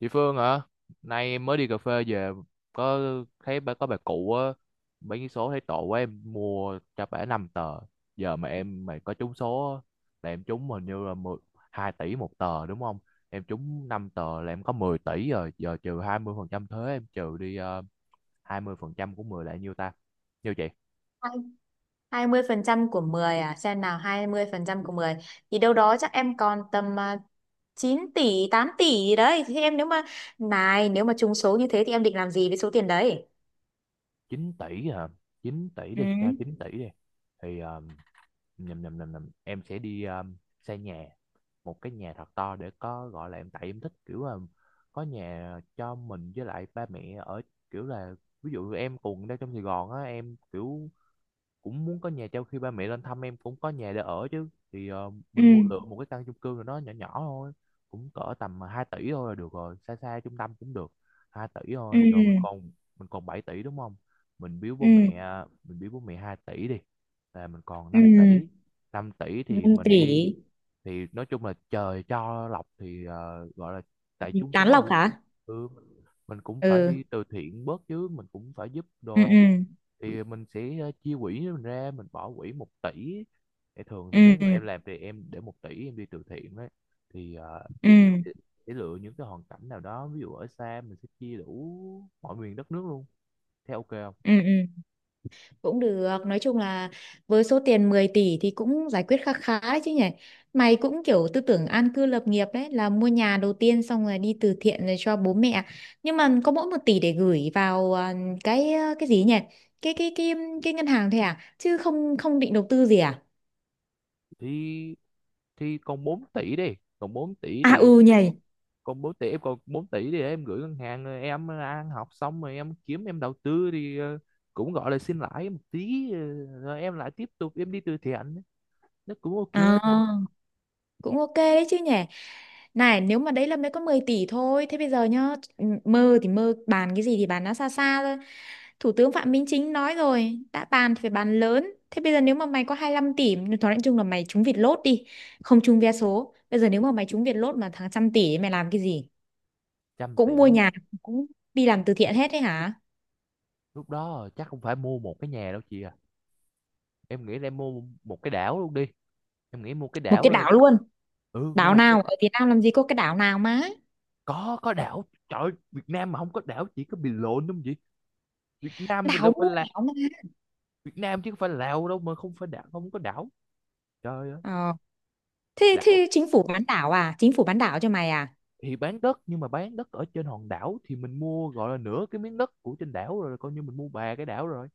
Chị Phương hả? Nay em mới đi cà phê về, có thấy bà, có bà cụ á, mấy cái số thấy tội quá em mua cho bả 5 tờ. Giờ mà em mày có trúng số á, là em trúng hình như là 12 tỷ một tờ đúng không? Em trúng 5 tờ là em có 10 tỷ rồi, giờ trừ 20% thuế em trừ đi 20% của 10 là nhiêu ta? Nhiêu chị? Hai mươi phần trăm của 10 à? Xem nào, 20% của 10 thì đâu đó chắc em còn tầm à, 9 tỷ, 8 tỷ gì đấy. Thì em nếu mà trúng số như thế thì em định làm gì với số tiền đấy? 9 tỷ hả? 9 tỷ Ừ, đi, cho 9 tỷ đi. Thì ờ, nhầm nhầm nhầm nhầm em sẽ đi xây nhà, một cái nhà thật to để có gọi là em, tại em thích kiểu là có nhà cho mình với lại ba mẹ ở, kiểu là ví dụ em cùng đang trong Sài Gòn á, em kiểu cũng muốn có nhà trao khi ba mẹ lên thăm em cũng có nhà để ở chứ. Thì ừ, mình mua lựa một cái căn chung cư nào đó nhỏ nhỏ thôi, cũng cỡ tầm 2 tỷ thôi là được rồi, xa xa trung tâm cũng được. 2 tỷ ừ, thôi rồi mình còn, 7 tỷ đúng không? Mình biếu bố ừ, mẹ mình biếu bố mẹ 2 tỷ đi là mình còn năm ừ. tỷ 5 tỷ thì năm mình tỷ đi, thì nói chung là trời cho lộc thì gọi là tại trúng Tán số lộc rồi. hả? Ừ, mình cũng phải Ừ, đi từ thiện bớt chứ, mình cũng phải giúp ừ, đồ. ừ, Thì mình sẽ chia quỹ mình ra, mình bỏ quỹ 1 tỷ, thì thường thì nếu mà ừ, em làm thì em để 1 tỷ em đi từ thiện đấy. Thì ừ, sẽ sẽ lựa những cái hoàn cảnh nào đó, ví dụ ở xa mình sẽ chia đủ mọi miền đất nước luôn. Thế ok không? ừ, ừ. Cũng được, nói chung là với số tiền 10 tỷ thì cũng giải quyết khá khá đấy chứ nhỉ. Mày cũng kiểu tư tưởng an cư lập nghiệp đấy, là mua nhà đầu tiên xong rồi đi từ thiện rồi cho bố mẹ. Nhưng mà có mỗi 1 tỷ để gửi vào à, cái gì nhỉ, cái cái cái cái ngân hàng thôi à, chứ không không định đầu tư gì à? Thì thì còn 4 tỷ đi, còn 4 tỷ À thì, ừ nhỉ. còn 4 tỷ, em còn 4 tỷ thì em gửi ngân hàng rồi em ăn học xong rồi em kiếm em đầu tư thì cũng gọi là xin lãi một tí rồi em lại tiếp tục em đi từ thiện, nó cũng ok. À. Mà Cũng ok đấy chứ nhỉ. Này, nếu mà đấy là mới có 10 tỷ thôi, thế bây giờ nhá, mơ thì mơ, bàn cái gì thì bàn nó xa xa thôi. Thủ tướng Phạm Minh Chính nói rồi, đã bàn thì phải bàn lớn. Thế bây giờ nếu mà mày có 25 tỷ, nói chung là mày trúng Vietlott lốt đi, không trúng vé số. Bây giờ nếu mà mày trúng Vietlott lốt mà thằng 100 tỷ ấy, mày làm cái gì? trăm Cũng mua tỷ nhà, cũng đi làm từ thiện hết đấy hả? lúc đó chắc không phải mua một cái nhà đâu chị à, em nghĩ là em mua một cái đảo luôn đi. Em nghĩ mua cái Một đảo cái luôn, đảo luôn. ừ, mua Đảo một cái. nào ở Việt Nam làm gì có cái đảo nào má? Có đảo, trời ơi, Việt Nam mà không có đảo chỉ có bị lộn đúng không chị? Việt Nam mình là Đảo, phải mua là, đảo mà. Việt Nam chứ không phải Lào đâu mà không phải đảo, không có đảo, trời ơi. Ờ. thế Đảo thế chính phủ bán đảo à, chính phủ bán đảo cho mày à? thì bán đất, nhưng mà bán đất ở trên hòn đảo thì mình mua gọi là nửa cái miếng đất của trên đảo rồi coi như mình mua bà cái đảo rồi,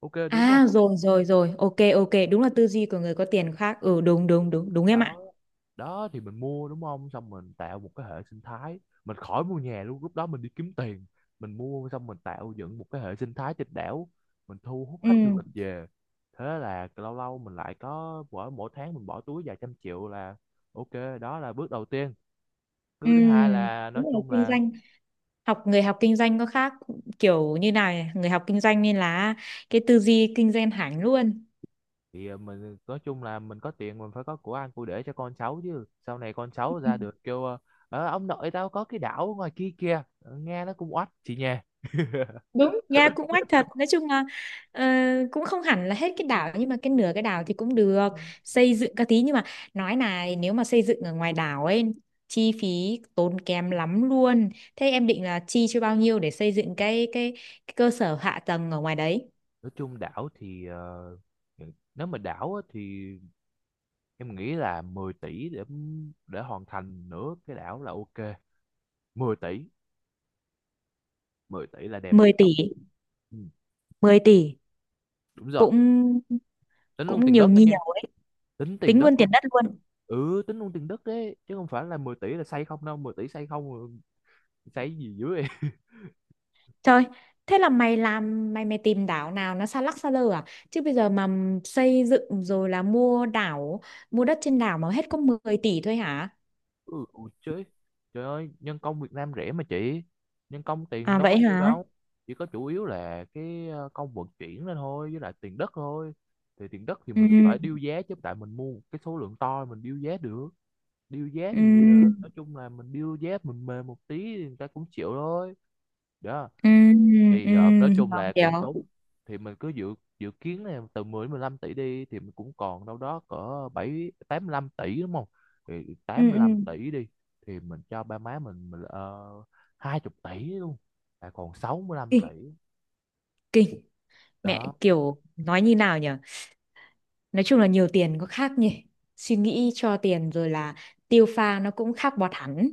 ok đúng không? À rồi rồi rồi, ok ok, đúng là tư duy của người có tiền khác. Ừ, đúng đúng đúng đúng em ạ. Đó, đó thì mình mua đúng không, xong mình tạo một cái hệ sinh thái, mình khỏi mua nhà luôn. Lúc đó mình đi kiếm tiền, mình mua xong mình tạo dựng một cái hệ sinh thái trên đảo, mình thu hút khách du Ừ lịch về. Thế là lâu lâu mình lại có, mỗi mỗi tháng mình bỏ túi vài trăm triệu là ok. Đó là bước đầu tiên, ừ. bước thứ hai là nói Đúng là chung kinh là, doanh, học người học kinh doanh có khác. Kiểu như nào nhỉ? Người học kinh doanh nên là cái tư duy kinh doanh hẳn luôn. thì mình nói chung là mình có tiền mình phải có của ăn của để cho con cháu chứ, sau này con cháu ra được kêu ờ, "Ờ, ông nội tao có cái đảo ở ngoài kia kìa." Ờ, nghe nó cũng oách chị nha. Đúng ra cũng oách thật, nói chung là ờ, cũng không hẳn là hết cái đảo nhưng mà cái nửa cái đảo thì cũng được, xây dựng các tí. Nhưng mà nói này, nếu mà xây dựng ở ngoài đảo ấy chi phí tốn kém lắm luôn. Thế em định là chi cho bao nhiêu để xây dựng cái cơ sở hạ tầng ở ngoài đấy? Nói chung đảo thì nếu mà đảo á, thì em nghĩ là 10 tỷ để hoàn thành nửa cái đảo là ok. 10 tỷ, 10 tỷ là đẹp. 10 tỷ. Ừ, 10 tỷ. đúng rồi. cũng Tính luôn cũng tiền nhiều, đất đó nha. nhiều. Tính tiền Tính luôn đất luôn. tiền đất luôn. Ừ, tính luôn tiền đất đấy. Chứ không phải là 10 tỷ là xây không đâu. 10 tỷ xây không, xây gì dưới. Trời, thế là mày làm, mày mày tìm đảo nào nó xa lắc xa lơ à? Chứ bây giờ mà xây dựng rồi là mua đảo, mua đất trên đảo mà hết có 10 tỷ thôi hả? Ừ, ủa chứ trời ơi, nhân công Việt Nam rẻ mà chị, nhân công tiền À đâu có vậy nhiêu hả? đâu. Chỉ có chủ yếu là cái công vận chuyển lên thôi với lại tiền đất thôi. Thì tiền đất thì mình phải Ừ, điêu giá chứ, tại mình mua một cái số lượng to, mình điêu giá được. Điêu giá thì ừ, nói chung là mình điêu giá mình mềm một tí thì người ta cũng chịu thôi. Đó, ừ, ừ, thì nói chung là cũng hiểu. tốt. Thì mình cứ dự dự kiến là từ 10 đến 15 tỷ đi, thì mình cũng còn đâu đó cỡ 7, 85 tỷ đúng không? Thì Ừ, 85 ừ. tỷ đi, thì mình cho ba má mình 20 tỷ luôn là còn 65 tỷ. Kinh, kinh. Mẹ Đó, kiểu nói như nào nhở. Nói chung là nhiều tiền có khác nhỉ. Suy nghĩ cho tiền rồi là tiêu pha nó cũng khác bọt hẳn.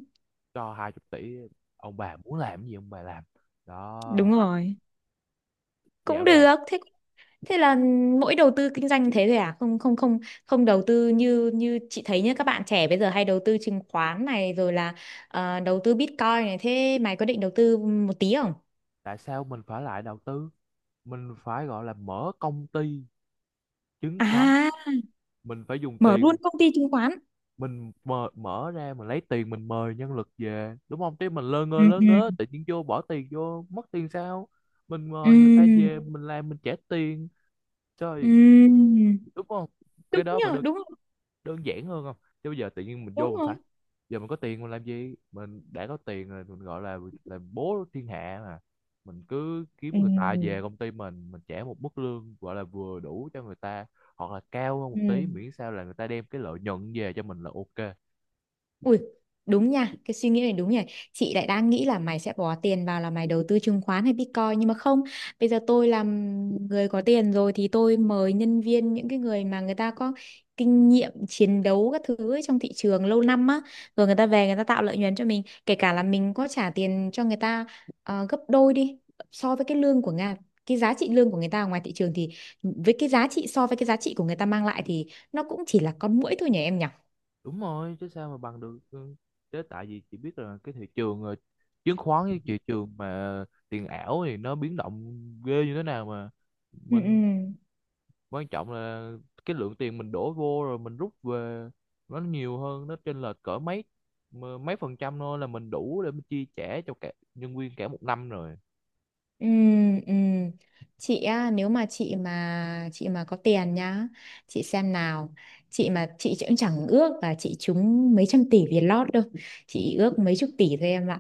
cho 20 tỷ ông bà muốn làm gì ông bà làm. Đúng Đó, rồi. Cũng dạo này, được. Thế, thế là mỗi đầu tư kinh doanh thế thôi à, không không không không đầu tư, như như chị thấy nhá, các bạn trẻ bây giờ hay đầu tư chứng khoán này rồi là đầu tư Bitcoin này, thế mày có định đầu tư một tí không? tại sao mình phải lại đầu tư, mình phải gọi là mở công ty chứng khoán. À, Mình phải dùng mở tiền, luôn công ty chứng khoán. mình mở ra mình lấy tiền mình mời nhân lực về đúng không? Chứ mình lơ ngơ Ừ, lơ ừ, ngớ tự nhiên vô bỏ tiền vô mất tiền sao? Mình ừ, mời người ta về mình làm mình trả tiền, trời, ừ, đúng không? Cái đúng đó phải nhờ, đúng rồi. đơn giản hơn không? Chứ bây giờ tự nhiên mình vô Đúng mình rồi. phải, giờ mình có tiền mình làm gì, mình đã có tiền rồi mình gọi là bố thiên hạ mà. Mình cứ kiếm người ta về Ừ, công ty mình trả một mức lương gọi là vừa đủ cho người ta, hoặc là cao hơn ừ. một tí, miễn sao là người ta đem cái lợi nhuận về cho mình là ok. Ui, đúng nha, cái suy nghĩ này đúng nhỉ. Chị lại đang nghĩ là mày sẽ bỏ tiền vào là mày đầu tư chứng khoán hay Bitcoin nhưng mà không, bây giờ tôi làm người có tiền rồi thì tôi mời nhân viên, những cái người mà người ta có kinh nghiệm chiến đấu các thứ ấy trong thị trường lâu năm á, rồi người ta về người ta tạo lợi nhuận cho mình, kể cả là mình có trả tiền cho người ta gấp đôi đi so với cái lương của Nga, cái giá trị lương của người ta ở ngoài thị trường thì với cái giá trị so với cái giá trị của người ta mang lại thì nó cũng chỉ là con muỗi thôi nhỉ em nhỉ? Đúng rồi, chứ sao mà bằng được. Ừ, chứ tại vì chị biết là cái thị trường chứng khoán với thị trường mà tiền ảo thì nó biến động ghê như thế nào mà, Ừ, ừ. mình quan trọng là cái lượng tiền mình đổ vô rồi mình rút về nó nhiều hơn, nó chênh lệch cỡ mấy, mà mấy phần trăm thôi là mình đủ để mình chi trả cho cả nhân viên cả một năm rồi Ừ, ừ. Chị á, nếu mà chị mà có tiền nhá, chị xem nào. Chị mà chị cũng chẳng ước là chị trúng mấy trăm tỷ việt lót đâu. Chị ước mấy chục tỷ thôi em ạ.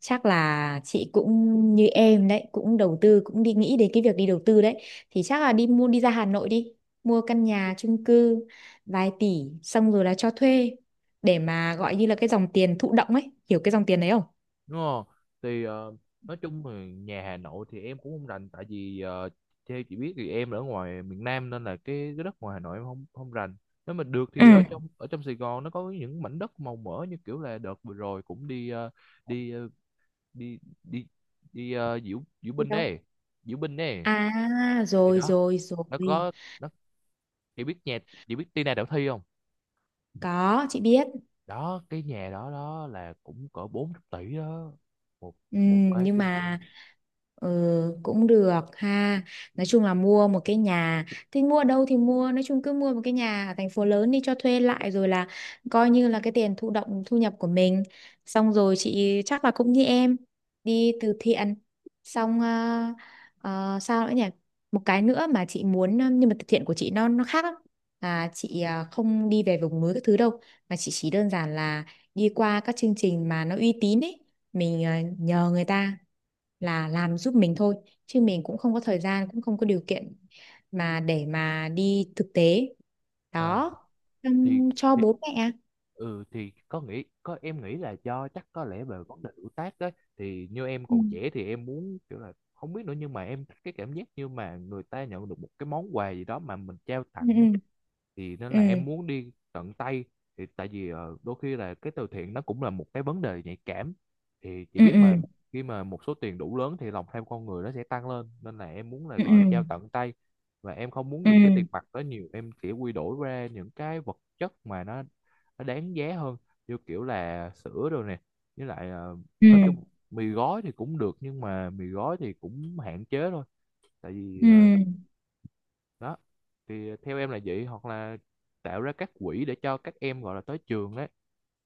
Chắc là chị cũng như em đấy, cũng đầu tư, cũng đi nghĩ đến cái việc đi đầu tư đấy. Thì chắc là đi mua, đi ra Hà Nội đi, mua căn nhà chung cư vài tỷ xong rồi là cho thuê để mà gọi như là cái dòng tiền thụ động ấy, hiểu cái dòng tiền đấy không? đúng không? Thì nói chung thì nhà Hà Nội thì em cũng không rành, tại vì theo chị biết thì em ở ngoài miền Nam nên là cái đất ngoài Hà Nội em không không rành. Nếu mà được thì Ừ. Ở trong Sài Gòn nó có những mảnh đất màu mỡ như kiểu là đợt vừa rồi cũng đi ờ, đi ờ, đi đi đi ờ, diễu diễu binh Đâu. đấy diễu binh đấy. À Thì rồi đó, rồi nó rồi. có, nó, chị biết nhà chị biết Tina Đạo Thi không? Có, chị biết. Đó, cái nhà đó đó là cũng cỡ 4 tỷ đó, một Ừ, một cái nhưng chung mà cư. ừ, cũng được ha. Nói chung là mua một cái nhà, thì mua ở đâu thì mua, nói chung cứ mua một cái nhà ở thành phố lớn đi, cho thuê lại rồi là coi như là cái tiền thụ động thu nhập của mình. Xong rồi chị chắc là cũng như em, đi từ thiện. Xong sao nữa nhỉ? Một cái nữa mà chị muốn nhưng mà từ thiện của chị nó khác lắm. Là chị không đi về vùng núi các thứ đâu, mà chị chỉ đơn giản là đi qua các chương trình mà nó uy tín ấy, mình nhờ người ta là làm giúp mình thôi, chứ mình cũng không có thời gian, cũng không có điều kiện mà để mà đi thực tế. À, Đó. thì, Xong cho thì bố mẹ. ừ, thì có nghĩ có em nghĩ là do chắc có lẽ về vấn đề tuổi tác đấy. Thì như em Ừ, còn trẻ thì em muốn kiểu là không biết nữa, nhưng mà em thích cái cảm giác như mà người ta nhận được một cái món quà gì đó mà mình trao tặng á, ừ, thì nên là ừ, em muốn đi tận tay. Thì tại vì đôi khi là cái từ thiện nó cũng là một cái vấn đề nhạy cảm thì chị ừ, biết mà, ừ, khi mà một số tiền đủ lớn thì lòng tham con người nó sẽ tăng lên, nên là em muốn là gọi là ừ, trao tận tay. Và em không muốn ừ, dùng cái tiền ừ, mặt đó nhiều, em chỉ quy đổi ra những cái vật chất mà nó đáng giá hơn, như kiểu là sữa rồi nè, với lại ừ, nói chung, mì gói thì cũng được nhưng mà mì gói thì cũng hạn chế thôi, tại vì ừ, ừ. đó. Thì theo em là vậy, hoặc là tạo ra các quỹ để cho các em gọi là tới trường ấy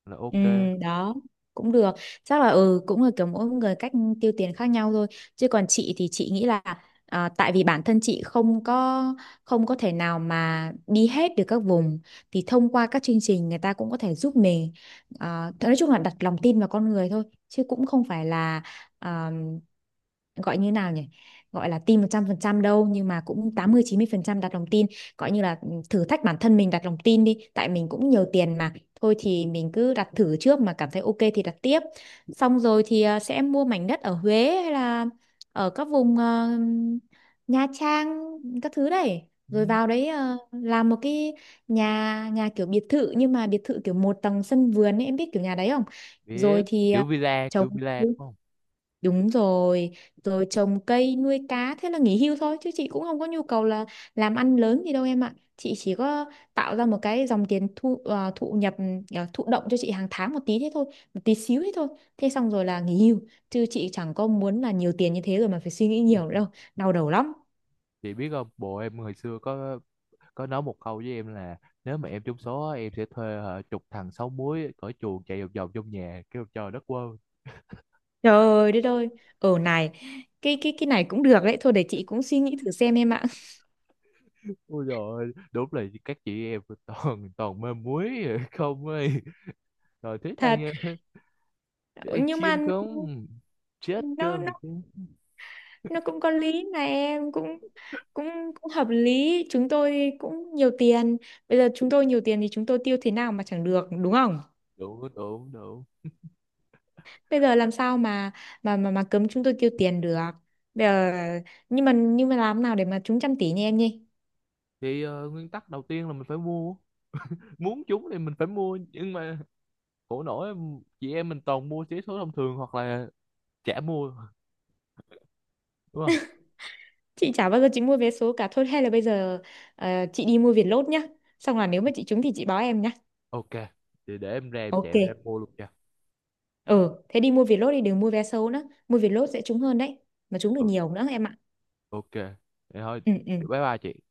là Ừ, ok. đó, cũng được. Chắc là ừ, cũng là kiểu mỗi người cách tiêu tiền khác nhau thôi, chứ còn chị thì chị nghĩ là à, tại vì bản thân chị không có, không có thể nào mà đi hết được các vùng thì thông qua các chương trình người ta cũng có thể giúp mình. À, nói chung là đặt lòng tin vào con người thôi, chứ cũng không phải là à, gọi như nào nhỉ, gọi là tin 100% đâu, nhưng mà cũng 80, mươi 90% đặt lòng tin, gọi như là ừ, thử thách bản thân mình đặt lòng tin đi tại mình cũng nhiều tiền mà, thôi thì mình cứ đặt thử trước mà cảm thấy ok thì đặt tiếp. Xong rồi thì sẽ mua mảnh đất ở Huế hay là ở các vùng Nha Trang các thứ đấy, Ừ, rồi vào đấy làm một cái nhà nhà kiểu biệt thự nhưng mà biệt thự kiểu một tầng sân vườn ấy, em biết kiểu nhà đấy không? biết, Rồi thì kiểu trồng. villa đúng không? Đúng rồi, rồi trồng cây nuôi cá, thế là nghỉ hưu thôi chứ chị cũng không có nhu cầu là làm ăn lớn gì đâu em ạ. Chị chỉ có tạo ra một cái dòng tiền thu thụ nhập thụ động cho chị hàng tháng một tí thế thôi, một tí xíu thế thôi. Thế xong rồi là nghỉ hưu, chứ chị chẳng có muốn là nhiều tiền như thế rồi mà phải suy nghĩ nhiều nữa đâu, đau đầu lắm. Chị biết không, bộ em hồi xưa có, nói một câu với em là nếu mà em trúng số á, em sẽ thuê hả, chục thằng sáu múi cởi chuồng chạy vòng vòng trong nhà kêu trời đất quơ. Trời đất ơi, ở này, cái này cũng được đấy, thôi để chị cũng suy nghĩ thử xem em ạ. Ôi rồi, đúng là các chị em toàn toàn mê muối rồi, không ơi, rồi thích Thật, ăn thích ăn nhưng mà chim không chết nó cơm được nó chứ. nó cũng có lý mà em cũng cũng cũng hợp lý, chúng tôi cũng nhiều tiền, bây giờ chúng tôi nhiều tiền thì chúng tôi tiêu thế nào mà chẳng được đúng không, Đủ đủ đủ. bây giờ làm sao mà mà cấm chúng tôi tiêu tiền được bây giờ. Nhưng mà làm nào để mà trúng 100 tỷ nha em nhỉ? Thì nguyên tắc đầu tiên là mình phải mua, muốn chúng thì mình phải mua, nhưng mà khổ nỗi chị em mình toàn mua vé số thông thường hoặc là chả mua đúng không? Chị chả bao giờ chị mua vé số cả, thôi hay là bây giờ chị đi mua Vietlott nhá, xong là nếu mà chị trúng thì chị báo em nhá. Ok, thì để em ra em Ok. chạy ra em mua luôn nha. Ừ, thế đi mua Vietlott đi, đừng mua vé số nữa, mua Vietlott sẽ trúng hơn đấy, mà trúng được Ừ, nhiều nữa em ạ. ok, thì thôi, Ừ, ừ. bye bye chị.